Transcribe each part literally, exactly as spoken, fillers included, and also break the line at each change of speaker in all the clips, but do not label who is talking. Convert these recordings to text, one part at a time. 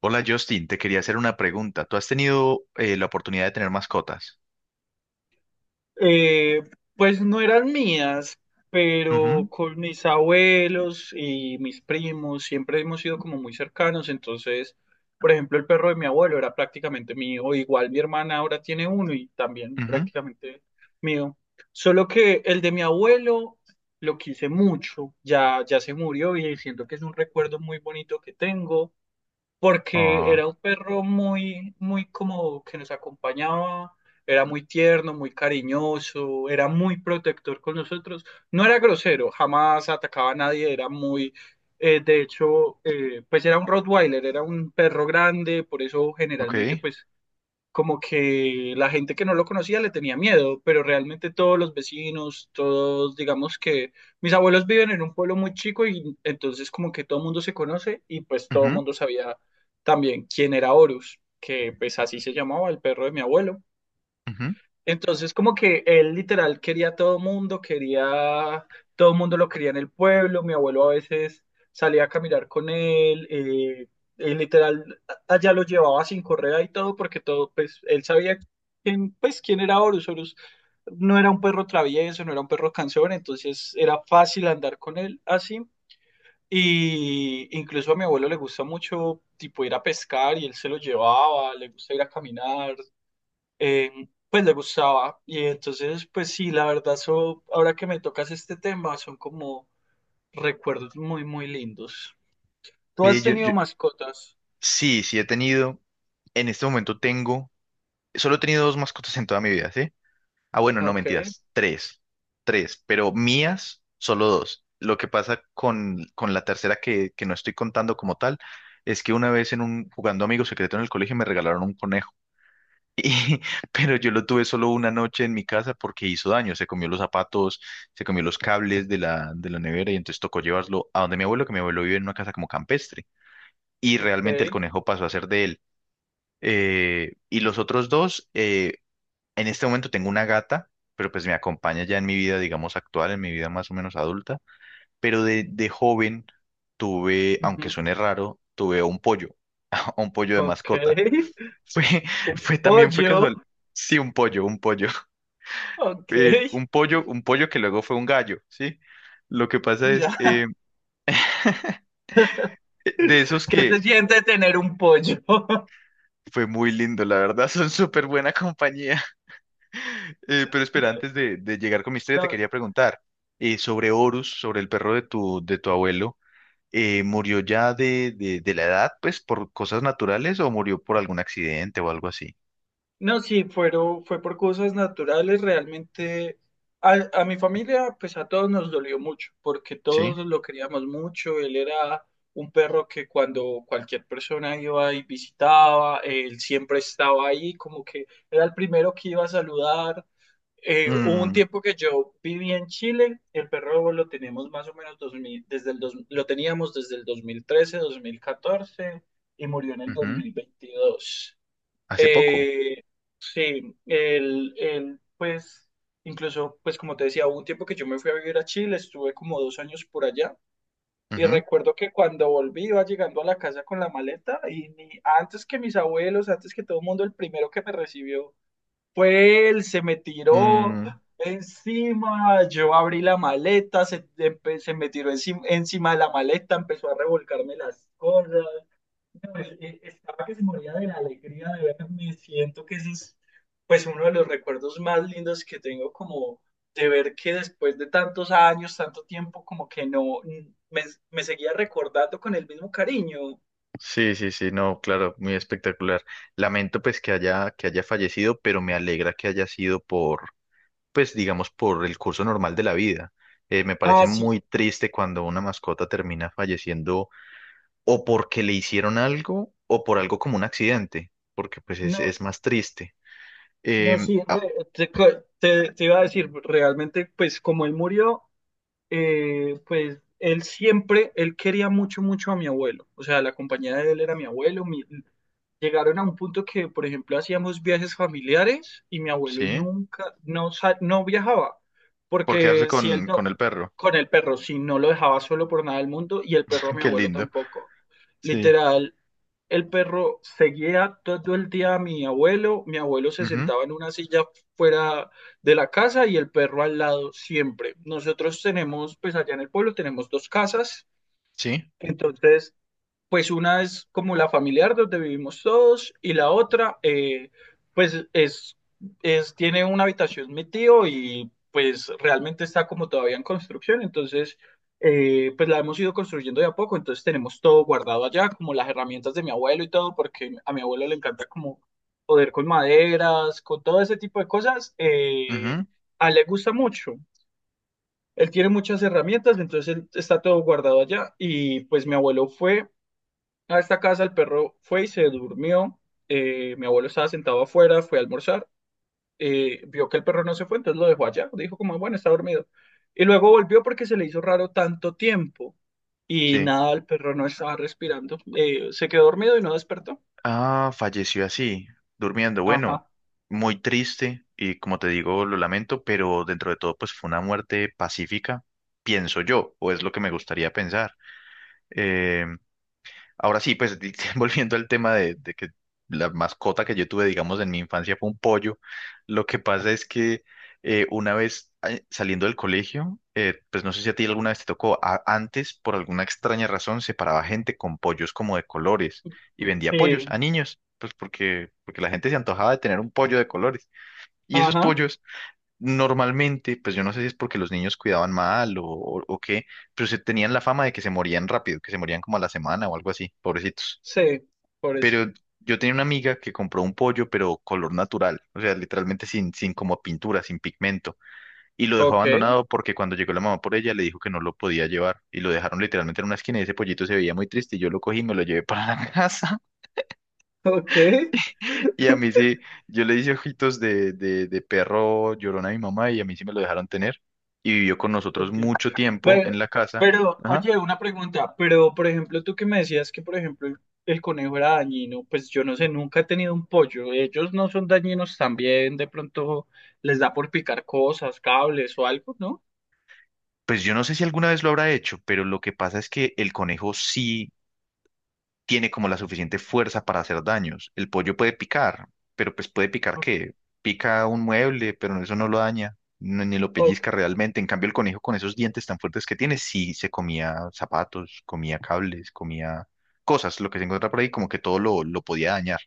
Hola Justin, te quería hacer una pregunta. ¿Tú has tenido eh, la oportunidad de tener mascotas?
Eh, pues no eran mías,
Ujú,
pero con mis abuelos y mis primos siempre hemos sido como muy cercanos, entonces, por ejemplo, el perro de mi abuelo era prácticamente mío, igual mi hermana ahora tiene uno y también
ujú.
prácticamente mío, solo que el de mi abuelo lo quise mucho, ya, ya se murió y siento que es un recuerdo muy bonito que tengo porque
Ah,
era un perro muy, muy como que nos acompañaba, era muy tierno, muy cariñoso, era muy protector con nosotros, no era grosero, jamás atacaba a nadie, era muy, eh, de hecho, eh, pues era un Rottweiler, era un perro grande, por eso generalmente
ok.
pues como que la gente que no lo conocía le tenía miedo, pero realmente todos los vecinos, todos, digamos que mis abuelos viven en un pueblo muy chico y entonces como que todo el mundo se conoce y pues todo el
Ujú,
mundo sabía también quién era Horus, que pues así se llamaba el perro de mi abuelo.
ujú.
Entonces, como que él literal quería a todo mundo, quería, todo mundo lo quería en el pueblo, mi abuelo a veces salía a caminar con él, eh, él literal a- allá lo llevaba sin correa y todo, porque todo, pues, él sabía quién, pues, quién era Horus, Horus no era un perro travieso, no era un perro cansón, entonces era fácil andar con él así, y incluso a mi abuelo le gusta mucho, tipo, ir a pescar, y él se lo llevaba, le gusta ir a caminar, eh, pues le gustaba. Y entonces, pues sí, la verdad, so- ahora que me tocas este tema, son como recuerdos muy, muy lindos. ¿Tú
Eh,
has
yo-
tenido
yo-
mascotas?
sí, sí he tenido. En este momento tengo. Solo he tenido dos mascotas en toda mi vida, ¿sí? Ah, bueno, no
Ok,
mentiras. Tres. Tres. Pero mías, solo dos. Lo que pasa con, con la tercera que, que no estoy contando como tal es que una vez en un jugando Amigo Secreto en el colegio me regalaron un conejo. Y- pero yo lo tuve solo una noche en mi casa porque hizo daño, se comió los zapatos, se comió los cables de la, de la nevera y entonces tocó llevarlo a donde mi abuelo, que mi abuelo vive en una casa como campestre y
ok,
realmente el conejo pasó a ser de él. Eh, y los otros dos, eh, en este momento tengo una gata, pero pues me acompaña ya en mi vida, digamos, actual, en mi vida más o menos adulta, pero de, de joven tuve, aunque
ujú,
suene raro, tuve un pollo, un pollo de
ok.
mascota. Fue,
Un
fue también fue
pollo,
casual. Sí, un pollo, un pollo.
ok,
eh, un pollo, un pollo que luego fue un gallo, ¿sí? Lo que pasa
ya.
es, eh, de esos
¿Qué se
que
siente tener un pollo?
fue muy lindo, la verdad, son súper buena compañía. Eh, pero espera,
Bueno,
antes de, de llegar con mi historia, te
no.
quería preguntar eh, sobre Horus, sobre el perro de tu, de tu abuelo. Eh, ¿murió ya de, de, de la edad, pues, por cosas naturales o murió por algún accidente o algo así?
No, sí, fueron, fue por cosas naturales, realmente a, a mi familia, pues a todos nos dolió mucho, porque
¿Sí?
todos lo queríamos mucho, él era un perro que cuando cualquier persona iba y visitaba, él siempre estaba ahí, como que era el primero que iba a saludar. Eh, hubo un
Mm,
tiempo que yo viví en Chile, el perro lo tenemos más o menos dos mil, desde el dos- lo teníamos desde el dos dos mil trece, dos mil catorce y murió en el dos
ujú.
mil veintidós.
Hace poco.
Eh, el, el, pues, incluso, pues como te decía, hubo un tiempo que yo me fui a vivir a Chile, estuve como dos años por allá. Y
Ujú.
recuerdo que cuando volví iba llegando a la casa con la maleta y ni- antes que mis abuelos, antes que todo el mundo, el primero que me recibió fue él, se me tiró
Mm,
encima, yo abrí la maleta, se, empe- se me tiró encima, encima de la maleta, empezó a revolcarme las cosas. No, es- es- estaba que se moría de la alegría de verme. Siento que ese es pues uno de los recuerdos más lindos que tengo como de ver que después de tantos años, tanto tiempo, como que no, mm, me, me seguía recordando con el mismo cariño.
sí, sí, sí, no, claro, muy espectacular. Lamento pues que haya, que haya fallecido, pero me alegra que haya sido por, pues digamos, por el curso normal de la vida. Eh, me
Ah,
parece
sí,
muy triste cuando una mascota termina falleciendo o porque le hicieron algo o por algo como un accidente, porque pues es,
no.
es más triste.
No,
Em,
sí,
ah,
re- te, co- te- te iba a decir, realmente, pues como él murió, eh, pues él siempre, él quería mucho, mucho a mi abuelo. O sea, la compañía de él era mi abuelo. mi- llegaron a un punto que, por ejemplo, hacíamos viajes familiares y mi abuelo
sí,
nunca, no, sa- no viajaba,
por quedarse
porque si él
con, con
no,
el perro.
con el perro, si no lo dejaba solo por nada del mundo y el perro a mi
Qué
abuelo
lindo.
tampoco.
Sí.
Literal, el perro seguía todo el día a mi abuelo. Mi abuelo se
Ujú,
sentaba en una silla fuera de la casa y el perro al lado siempre. Nosotros tenemos, pues allá en el pueblo tenemos dos casas.
sí.
Entonces, pues una es como la familiar donde vivimos todos y la otra, eh, pues es, es, tiene una habitación mi tío y pues realmente está como todavía en construcción, entonces eh, pues la hemos ido construyendo de a poco, entonces tenemos todo guardado allá, como las herramientas de mi abuelo y todo, porque a mi abuelo le encanta como poder con maderas, con todo ese tipo de cosas, eh,
Ujú,
a él le gusta mucho. Él tiene muchas herramientas, entonces él- está todo guardado allá. Y pues mi abuelo fue a esta casa el perro fue y se durmió. Eh, mi abuelo estaba sentado afuera, fue a almorzar. eh, vio que el perro no se fue, entonces lo dejó allá. Dijo como, bueno, está dormido. Y luego volvió porque se le hizo raro tanto tiempo. Y
sí.
nada, el perro no estaba respirando. Eh, se quedó dormido y no despertó.
Ah, falleció así, durmiendo. Bueno,
Ajá.
muy triste y como te digo, lo lamento, pero dentro de todo, pues fue una muerte pacífica, pienso yo, o es lo que me gustaría pensar. Em, Ahora sí, pues di- volviendo al tema de, de que la mascota que yo tuve, digamos, en mi infancia fue un pollo, lo que pasa es que eh, una vez eh, saliendo del colegio, eh, pues no sé si a ti alguna vez te tocó, a- antes por alguna extraña razón separaba gente con pollos como de colores y vendía pollos
Sí.
a niños, pues porque, porque la gente se antojaba de tener un pollo de colores. Y esos
Ajá.
pollos normalmente, pues yo no sé si es porque los niños cuidaban mal o, o, o qué, pero se tenían la fama de que se morían rápido, que se morían como a la semana o algo así, pobrecitos.
Sí. Por eso.
Yo tenía una amiga que compró un pollo, pero color natural, o sea, literalmente sin, sin como pintura, sin pigmento, y lo dejó
Ok.
abandonado porque cuando llegó la mamá por ella le dijo que no lo podía llevar, y lo dejaron literalmente en una esquina y ese pollito se veía muy triste, y yo lo cogí y me lo llevé para la casa.
Ok.
Y a mí sí, yo le hice ojitos de, de, de perro llorón a mi mamá y a mí sí me lo dejaron tener. Y vivió con nosotros
Ok.
mucho tiempo
Pero,
en la casa.
pero,
Ajá.
oye, una pregunta, pero por ejemplo, tú que me decías que, por ejemplo, el, el, conejo era dañino, pues yo no sé, nunca he tenido un pollo, ellos no son dañinos también, de pronto les da por picar cosas, cables o algo, ¿no?
Pues yo no sé si alguna vez lo habrá hecho, pero lo que pasa es que el conejo sí tiene como la suficiente fuerza para hacer daños. El pollo puede picar, pero pues puede picar
Ok,
qué? Pica un mueble, pero eso no lo daña, no- ni lo
ok,
pellizca realmente. En cambio, el conejo con esos dientes tan fuertes que tiene, sí se comía zapatos, comía cables, comía cosas, lo que se encuentra por ahí, como que todo lo, lo podía dañar.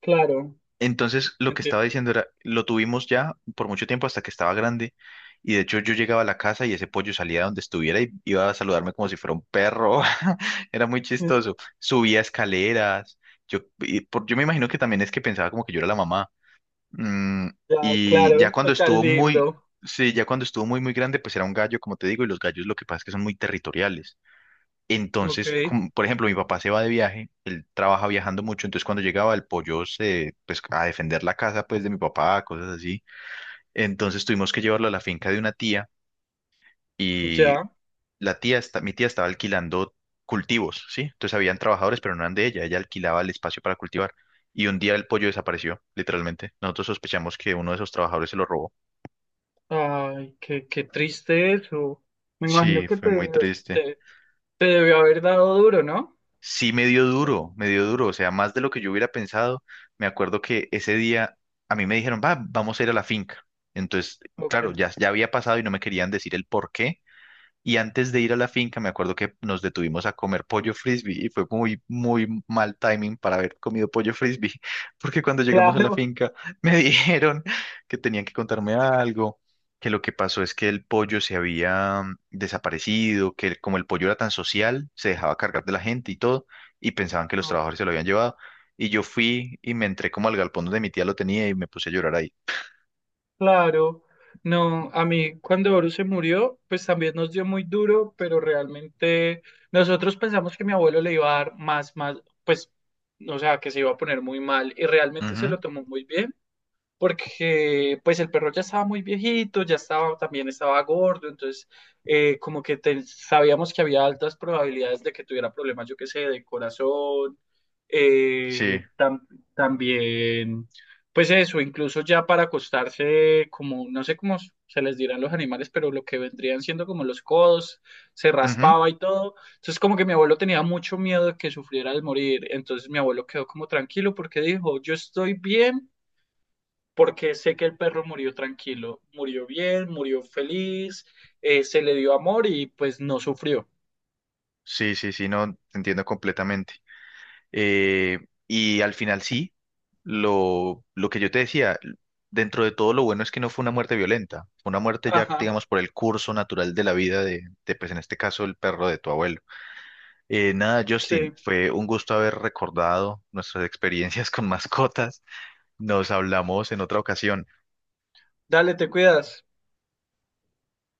claro,
Entonces, lo que estaba
entiendo.
diciendo era, lo tuvimos ya por mucho tiempo hasta que estaba grande. Y de hecho yo llegaba a la casa y ese pollo salía donde estuviera y iba a saludarme como si fuera un perro. Era muy chistoso. Subía escaleras. Yo, y por- yo me imagino que también es que pensaba como que yo era la mamá. Mm,
Ya,
y ya
claro,
cuando
tan
estuvo muy,
lindo,
sí, ya cuando estuvo muy, muy grande, pues era un gallo, como te digo, y los gallos lo que pasa es que son muy territoriales.
ok,
Entonces, como, por ejemplo, mi papá se va de viaje, él trabaja viajando mucho, entonces cuando llegaba el pollo se, pues, a defender la casa, pues, de mi papá, cosas así. Entonces tuvimos que llevarlo a la finca de una tía y
ya,
la tía, está, mi tía estaba alquilando cultivos, ¿sí? Entonces habían trabajadores, pero no eran de ella, ella alquilaba el espacio para cultivar. Y un día el pollo desapareció, literalmente. Nosotros sospechamos que uno de esos trabajadores se lo robó.
ay, qué, qué triste eso, me imagino
Sí,
que
fue muy
te,
triste.
te, te debió haber dado duro, ¿no?
Sí, me dio duro, me dio duro, o sea, más de lo que yo hubiera pensado. Me acuerdo que ese día a mí me dijeron, va, vamos a ir a la finca. Entonces,
Ok,
claro, ya, ya había pasado y no me querían decir el por qué. Y antes de ir a la finca, me acuerdo que nos detuvimos a comer pollo frisbee y fue muy, muy mal timing para haber comido pollo frisbee, porque cuando llegamos a la
claro.
finca me dijeron que tenían que contarme algo, que lo que pasó es que el pollo se había mm, desaparecido, que como el pollo era tan social, se dejaba cargar de la gente y todo, y pensaban que los
Ok,
trabajadores se lo habían llevado. Y yo fui y me entré como al galpón donde mi tía lo tenía y me puse a llorar ahí.
claro, no, a mí cuando Boru se murió, pues también nos dio muy duro, pero realmente nosotros pensamos que mi abuelo le iba a dar más, más, pues, o sea, que se iba a poner muy mal y realmente se
Ujú,
lo tomó muy bien porque pues el perro ya estaba muy viejito, ya estaba, también estaba gordo, entonces eh, como que te- sabíamos que había altas probabilidades de que tuviera problemas, yo qué sé, de corazón,
sí,
eh, tam- también, pues eso, incluso ya para acostarse, como, no sé cómo se les dirán los animales, pero lo que vendrían siendo como los codos, se
ujú,
raspaba y todo, entonces como que mi abuelo tenía mucho miedo de que sufriera al morir, entonces mi abuelo quedó como tranquilo porque dijo, yo estoy bien porque sé que el perro murió tranquilo, murió bien, murió feliz, eh, se le dio amor y pues no sufrió.
sí, sí, sí, no, te entiendo completamente. Eh, y al final sí, lo, lo que yo te decía, dentro de todo lo bueno es que no fue una muerte violenta, fue una muerte ya,
Ajá,
digamos, por el curso natural de la vida de, de, pues en este caso, el perro de tu abuelo. Eh, nada,
sí.
Justin, fue un gusto haber recordado nuestras experiencias con mascotas. Nos hablamos en otra ocasión.
Dale, te cuidas.